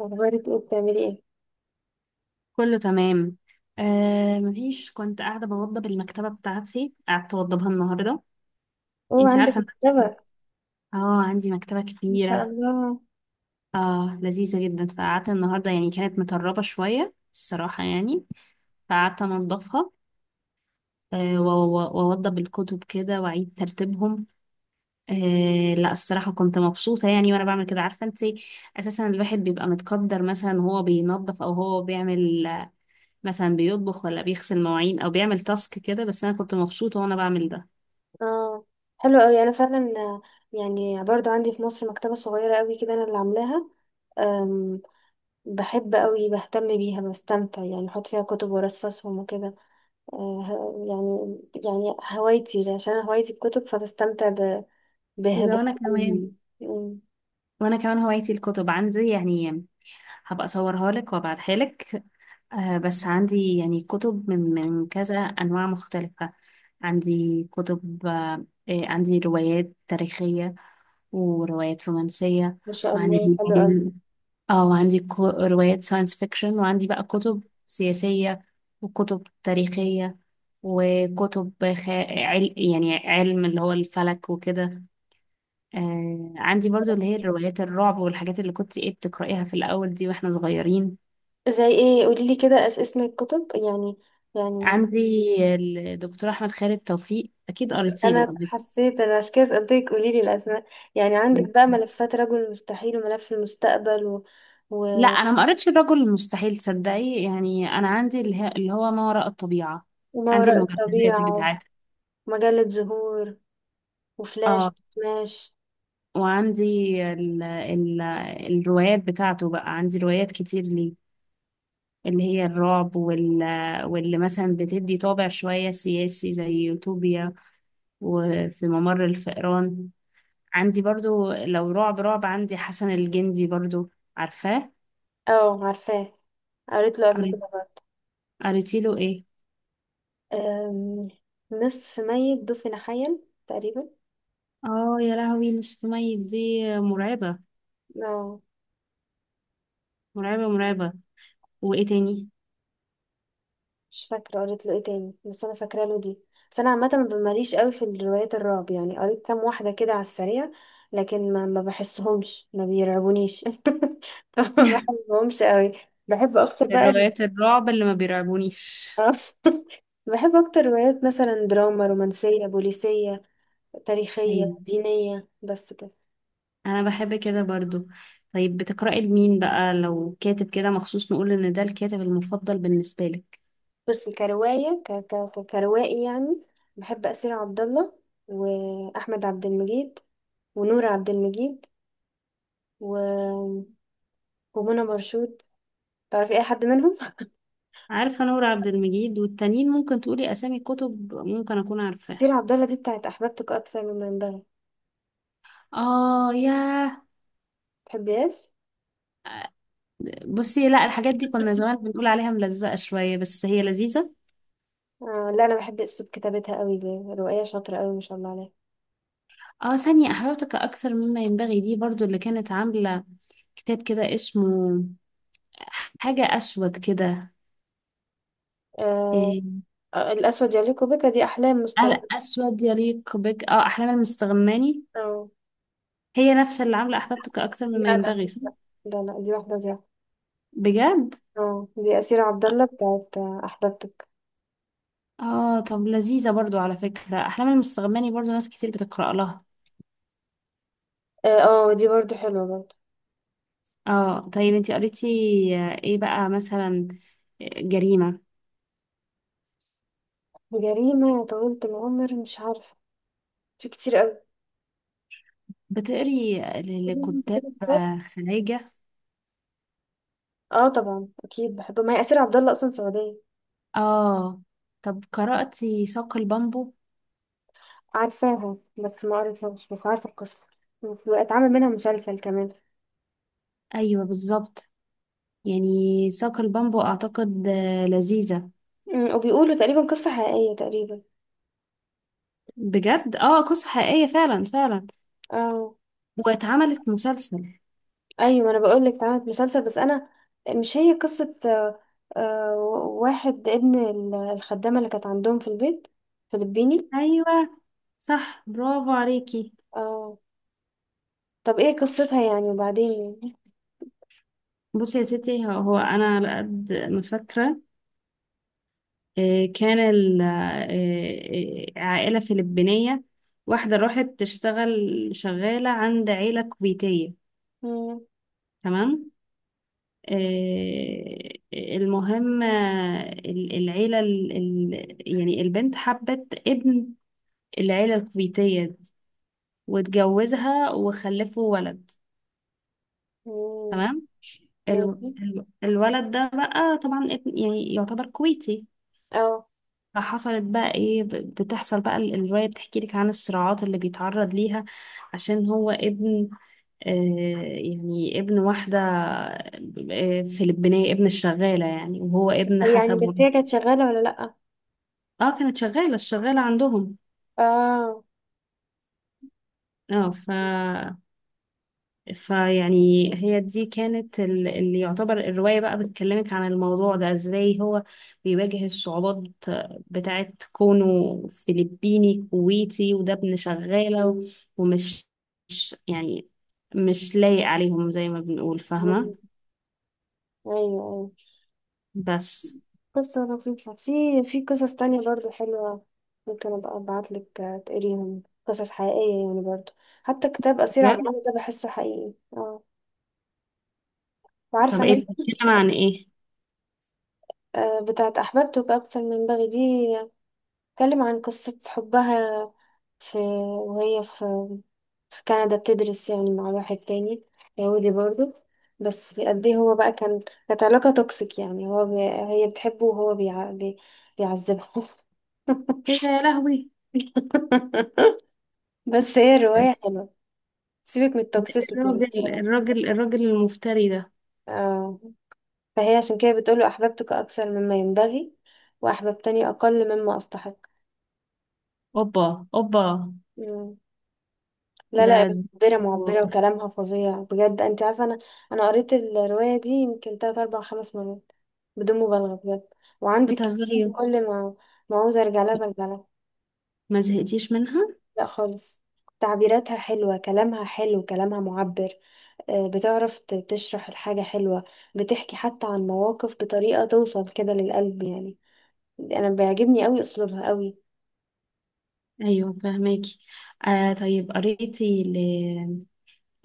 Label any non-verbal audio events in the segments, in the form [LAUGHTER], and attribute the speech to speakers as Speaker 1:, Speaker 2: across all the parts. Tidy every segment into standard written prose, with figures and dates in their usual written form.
Speaker 1: اخبارك ايه؟ بتعملي ايه؟
Speaker 2: كله تمام. مفيش كنت قاعدة بوضب المكتبة بتاعتي، قعدت أوضبها النهاردة.
Speaker 1: اوه
Speaker 2: انتي
Speaker 1: عندك
Speaker 2: عارفة ان
Speaker 1: مكتبة؟
Speaker 2: اه، عندي مكتبة
Speaker 1: ان شاء
Speaker 2: كبيرة،
Speaker 1: الله.
Speaker 2: اه لذيذة جدا. فقعدت النهاردة، يعني كانت مطربة شوية الصراحة يعني. فقعدت أنضفها، وأوضب الكتب كده وأعيد ترتيبهم. لا الصراحة كنت مبسوطة يعني وأنا بعمل كده، عارفة انتي؟ أساسا الواحد بيبقى متقدر مثلا وهو بينظف أو هو بيعمل، مثلا بيطبخ ولا بيغسل مواعين او بيعمل تاسك كده، بس انا كنت مبسوطه وانا بعمل ده.
Speaker 1: اه حلو قوي. انا فعلا يعني برضو عندي في مصر مكتبة صغيرة قوي كده انا اللي عاملاها. أم بحب قوي، بهتم بيها، بستمتع، يعني بحط فيها كتب وارصصهم وكده. آه، ه- يعني يعني هوايتي ده، عشان أنا هوايتي الكتب،
Speaker 2: ايه
Speaker 1: بها
Speaker 2: ده؟ وانا كمان
Speaker 1: بهم مم.
Speaker 2: وانا كمان هوايتي الكتب عندي يعني. هبقى اصورها لك وابعتها لك. بس عندي يعني كتب من كذا انواع مختلفه. عندي كتب عندي روايات تاريخيه وروايات رومانسيه.
Speaker 1: ما شاء الله،
Speaker 2: وعندي،
Speaker 1: حلو قوي.
Speaker 2: اه وعندي روايات ساينس فيكشن، وعندي بقى كتب سياسية وكتب تاريخية، وكتب يعني علم اللي هو الفلك وكده. عندي برضو اللي هي الروايات الرعب والحاجات اللي كنت ايه بتقرأيها في الأول دي واحنا صغيرين.
Speaker 1: زي ايه؟ قولي لي كده، اسم الكتب يعني. يعني
Speaker 2: عندي الدكتور أحمد خالد توفيق، أكيد قريتي له
Speaker 1: انا
Speaker 2: قبل
Speaker 1: حسيت، انا عشان كده سألتك، قولي لي الاسماء يعني. عندك
Speaker 2: كده.
Speaker 1: بقى ملفات رجل المستحيل وملف المستقبل و...
Speaker 2: لا
Speaker 1: و...
Speaker 2: أنا ما قريتش الرجل المستحيل تصدقي، يعني أنا عندي اللي هو ما وراء الطبيعة،
Speaker 1: وما
Speaker 2: عندي
Speaker 1: وراء
Speaker 2: المجلدات
Speaker 1: الطبيعة،
Speaker 2: بتاعتها.
Speaker 1: ومجلة زهور، وفلاش،
Speaker 2: اه،
Speaker 1: ماش.
Speaker 2: وعندي ال ال الروايات بتاعته بقى. عندي روايات كتير ليه اللي هي الرعب واللي مثلا بتدي طابع شوية سياسي زي يوتوبيا وفي ممر الفئران. عندي برضو لو رعب رعب عندي حسن الجندي برضو، عارفاه؟
Speaker 1: اه عارفاه، قريت له قبل
Speaker 2: قري-
Speaker 1: كده برضه.
Speaker 2: قريتي له ايه؟
Speaker 1: أم... نصف ميت، دفن حيا، تقريبا.
Speaker 2: اه يا لهوي، نصف ميت دي مرعبة.
Speaker 1: اه
Speaker 2: مرعبة مرعبة. وايه تاني؟
Speaker 1: مش فاكرة قريت له ايه تاني، بس انا فاكرة له دي. بس انا عامة ما ماليش قوي في الروايات الرعب يعني، قريت كام واحدة كده على السريع، لكن ما بحسهمش، ما بيرعبونيش [LAUGHS] ما
Speaker 2: [LAUGHS]
Speaker 1: بحبهمش قوي. بحب اكتر بقى ال-
Speaker 2: الروايات الرعب اللي ما بيرعبونيش؟
Speaker 1: [LAUGHS] آه. بحب اكتر روايات مثلا دراما، رومانسية، بوليسية، تاريخية،
Speaker 2: ايوه،
Speaker 1: دينية، بس كده.
Speaker 2: انا بحب كده برضو. طيب بتقرأي لمين بقى لو كاتب كده مخصوص، نقول ان ده الكاتب المفضل بالنسبة لك؟
Speaker 1: بس كرواية ك... ك... ك- كروائي يعني، بحب أسير عبد الله، وأحمد عبد المجيد، ونور عبد المجيد، ومنى مرشود. تعرفي اي حد منهم؟
Speaker 2: عارفة نور عبد المجيد والتانيين ممكن تقولي اسامي كتب ممكن اكون
Speaker 1: كتير
Speaker 2: عارفاها.
Speaker 1: عبد الله دي بتاعت احببتك اكثر مما ينبغي.
Speaker 2: اه ياه.
Speaker 1: تحبيهاش؟
Speaker 2: بصي، لا الحاجات دي كنا زمان بنقول عليها ملزقة شوية، بس هي لذيذة.
Speaker 1: آه لا، انا بحب اسلوب كتابتها قوي دي، روائيه شاطره قوي ما شاء الله عليها.
Speaker 2: اه، ثانية احببتك اكثر مما ينبغي دي برضو اللي كانت عاملة كتاب كده اسمه حاجة اسود كده.
Speaker 1: آه.
Speaker 2: إيه،
Speaker 1: الاسود يليق بك دي احلام
Speaker 2: قلق
Speaker 1: مستغرب.
Speaker 2: اسود يليق بك، احلام المستغماني.
Speaker 1: اه.
Speaker 2: هي نفسها اللي عاملة أحبابتك أكتر مما
Speaker 1: لا لا
Speaker 2: ينبغي، صح؟
Speaker 1: لا لا دي واحده دي واحدة.
Speaker 2: بجد؟
Speaker 1: اه دي اسير عبد الله بتاعت احببتك.
Speaker 2: اه، طب لذيذة برضو على فكرة، أحلام المستغماني برضو ناس كتير بتقرأ لها.
Speaker 1: اه دي برضو حلوه برضو.
Speaker 2: اه، طيب انتي قريتي ايه بقى مثلا؟ آه، جريمة؟
Speaker 1: جريمه يا طويله العمر مش عارفه، في كتير قوي.
Speaker 2: بتقري لكتاب
Speaker 1: [LAUGHS]
Speaker 2: خلايجة؟
Speaker 1: اه طبعا اكيد بحبه، ما هي اسير عبد الله اصلا سعوديه.
Speaker 2: اه، طب قرأتي ساق البامبو؟
Speaker 1: عارفاها بس ما قريتهاش، بس عارفة القصة، اتعمل منها مسلسل كمان.
Speaker 2: ايوه بالظبط. يعني ساق البامبو اعتقد لذيذة.
Speaker 1: وبيقولوا تقريبا قصة حقيقية تقريبا.
Speaker 2: بجد، اه قصة حقيقية فعلا فعلا.
Speaker 1: اه
Speaker 2: واتعملت مسلسل.
Speaker 1: ايوه، ما انا بقول لك اتعملت مسلسل، بس انا مش هي قصة آه، واحد ابن الخدامة اللي كانت عندهم في البيت، فلبيني.
Speaker 2: ايوه، صح، برافو عليكي.
Speaker 1: اه طب ايه قصتها يعني وبعدين يعني؟
Speaker 2: بصي يا ستي، هو انا على قد ما فاكره. إيه، كان ال- إيه، إيه، عائله فلبينيه، واحده راحت تشتغل شغاله عند عيله كويتيه،
Speaker 1: مم،
Speaker 2: تمام؟ إيه، المهم العيله، يعني البنت حبت ابن العيله الكويتيه دي واتجوزها وخلفوا ولد،
Speaker 1: مم،
Speaker 2: تمام.
Speaker 1: ماشي.
Speaker 2: الولد ده بقى طبعا يعني يعتبر كويتي.
Speaker 1: اه
Speaker 2: فحصلت بقى ايه، بتحصل بقى الرواية بتحكي لك عن الصراعات اللي بيتعرض ليها عشان هو ابن، آه، يعني ابن واحدة آه، فلبينية، ابن الشغالة يعني، وهو ابن
Speaker 1: طب يعني
Speaker 2: حسب
Speaker 1: بس هي
Speaker 2: ورثة.
Speaker 1: كانت شغالة ولا لأ؟
Speaker 2: اه كانت شغالة الشغالة عندهم.
Speaker 1: اه
Speaker 2: اه. فيعني هي دي كانت اللي يعتبر الرواية بقى بتكلمك عن الموضوع ده ازاي هو بيواجه الصعوبات بتاعت كونه فلبيني كويتي، وده ابن شغالة ومش مش يعني مش لايق عليهم زي ما بنقول، فاهمة؟
Speaker 1: مم، ايوه، أيوة.
Speaker 2: بس.
Speaker 1: قصة لطيفة. في في قصص تانية برضو حلوة، ممكن أبقى أبعتلك تقريهم، قصص حقيقية يعني برضو. حتى كتاب أسير عبد
Speaker 2: بجد؟
Speaker 1: العزيز ده بحسه حقيقي، اه،
Speaker 2: طب
Speaker 1: وعارفة
Speaker 2: ايه
Speaker 1: ناس.
Speaker 2: بتتكلم عن ايه؟
Speaker 1: بتاعت أحببتك أكتر من بغي دي، بتتكلم عن قصة حبها في، وهي في، في كندا بتدرس يعني، مع واحد تاني يهودي برضو، بس قد ايه هو بقى كان، كانت علاقة توكسيك يعني، هو هي بتحبه، وهو بيعذبها.
Speaker 2: ايه ده يا لهوي!
Speaker 1: [LAUGHS] بس هي الرواية حلوة، سيبك من التوكسيسيتي اللي
Speaker 2: الراجل
Speaker 1: فيها.
Speaker 2: الراجل الراجل المفتري ده!
Speaker 1: اه، فهي عشان كده بتقوله أحببتك أكثر مما ينبغي، وأحببتني أقل مما أستحق.
Speaker 2: اوبا اوبا.
Speaker 1: مم. لا لا،
Speaker 2: ده.
Speaker 1: معبرة معبرة، وكلامها فظيع بجد. أنت عارفة، أنا أنا قريت الرواية دي يمكن تلات أربع خمس مرات، بدون مبالغة بجد. وعندي ك-
Speaker 2: بتهزري؟
Speaker 1: كل ما عاوزة أرجع لها برجع لها.
Speaker 2: ما زهقتيش منها؟
Speaker 1: لا خالص، تعبيراتها حلوة، كلامها حلو، كلامها معبر. بتعرف تشرح الحاجة حلوة، بتحكي حتى عن مواقف بطريقة توصل كده للقلب يعني، أنا بيعجبني قوي أسلوبها قوي.
Speaker 2: ايوه، فهماكي. آه، طيب قريتي ل...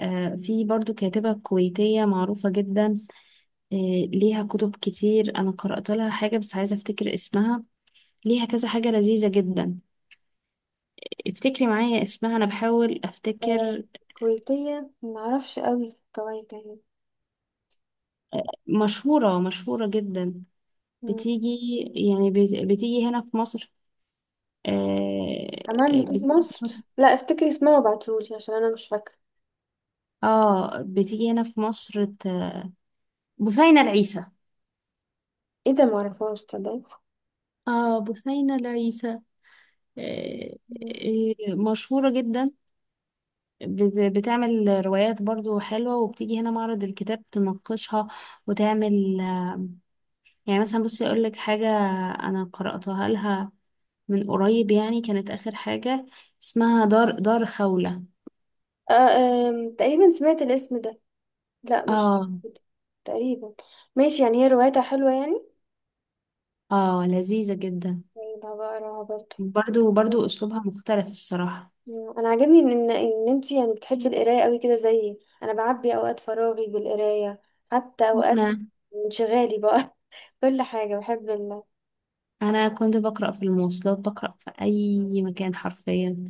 Speaker 2: آه في برضو كاتبة كويتية معروفة جدا، آه، ليها كتب كتير. انا قرأت لها حاجة بس عايزة افتكر اسمها، ليها كذا حاجة لذيذة جدا. افتكري معايا اسمها، انا بحاول
Speaker 1: آه،
Speaker 2: افتكر.
Speaker 1: كويتية معرفش قوي كويت يعني.
Speaker 2: مشهورة مشهورة جدا.
Speaker 1: مم.
Speaker 2: بتيجي، يعني بتيجي هنا في مصر. آه.
Speaker 1: كمان بتيجي
Speaker 2: بتيجي في
Speaker 1: مصر؟
Speaker 2: مصر.
Speaker 1: لا افتكري اسمها وابعتهولي عشان أنا مش فاكرة.
Speaker 2: اه بتيجي هنا في مصر بثينة العيسى.
Speaker 1: ايه ده معرفهاش تصدقي.
Speaker 2: اه، بثينة العيسى، آه،
Speaker 1: مم.
Speaker 2: مشهورة جدا. بتعمل روايات برضو حلوة، وبتيجي هنا معرض الكتاب تناقشها وتعمل، يعني مثلا بصي أقول لك حاجة. أنا قرأتها لها من قريب يعني، كانت آخر حاجة. اسمها دار خولة.
Speaker 1: آه، آم، تقريبا سمعت الاسم ده. لا مش
Speaker 2: اه.
Speaker 1: تقريبا، ماشي يعني، هي روايتها حلوة يعني؟
Speaker 2: اه لذيذة جدا.
Speaker 1: طيب هبقى اقراها برضه.
Speaker 2: برضو برضو أسلوبها مختلف الصراحة.
Speaker 1: انا عاجبني ان ان إن انتي يعني بتحبي القرايه قوي كده زيي، انا بعبي اوقات فراغي بالقرايه، حتى اوقات
Speaker 2: وأنا
Speaker 1: انشغالي بقى. [LAUGHS] كل حاجه بحب ال...
Speaker 2: أنا كنت بقرأ في المواصلات، بقرأ في أي مكان حرفيا.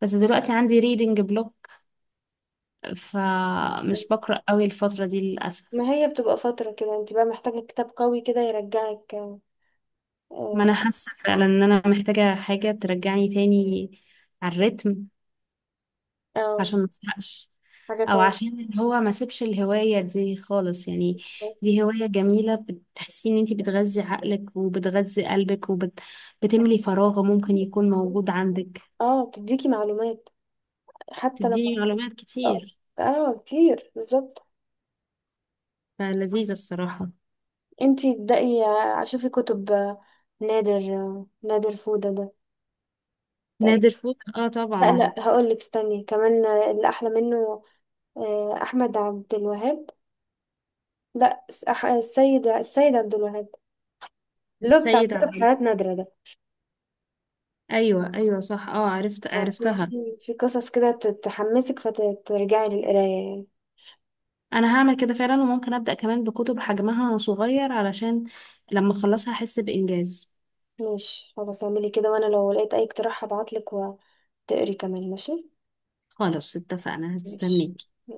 Speaker 2: بس دلوقتي عندي ريدنج بلوك، فمش بقرأ قوي الفترة دي للأسف.
Speaker 1: ما هي بتبقى فتره كده، انتي بقى محتاجه كتاب قوي كده يرجعك.
Speaker 2: ما أنا
Speaker 1: اه
Speaker 2: حاسة فعلا إن أنا محتاجة حاجة ترجعني تاني على الريتم،
Speaker 1: آه،
Speaker 2: عشان ما أزهقش،
Speaker 1: حاجه
Speaker 2: أو
Speaker 1: قويه.
Speaker 2: عشان اللي هو ما سيبش الهواية دي خالص يعني. دي هواية جميلة، بتحسي إن أنتي بتغذي عقلك وبتغذي قلبك وبتملي فراغ ممكن يكون موجود عندك.
Speaker 1: اه بتديكي معلومات، حتى لو،
Speaker 2: تديني معلومات
Speaker 1: اه
Speaker 2: كتير،
Speaker 1: كتير بالظبط.
Speaker 2: فلذيذة الصراحة.
Speaker 1: انتي ابدأي شوفي كتب، نادر فودة ده.
Speaker 2: نادر فوق، اه طبعا.
Speaker 1: لا لا هقول لك استني كمان، اللي احلى منه، آه، احمد عبد الوهاب لا س- أح- السيد السيد عبد الوهاب، اللي هو بتاع
Speaker 2: السيد
Speaker 1: كتب
Speaker 2: عبد.
Speaker 1: حالات نادرة ده.
Speaker 2: أيوة أيوة صح، اه، عرفتها.
Speaker 1: في في قصص كده تحمسك فترجعي للقراية يعني.
Speaker 2: انا هعمل كده فعلا، وممكن ابدا كمان بكتب حجمها صغير علشان لما اخلصها احس بانجاز.
Speaker 1: ماشي خلاص، اعملي كده، وانا لو لقيت اي اقتراح هبعتلك وتقري كمان، ماشي.
Speaker 2: خلاص اتفقنا،
Speaker 1: ماشي.
Speaker 2: هستنيك.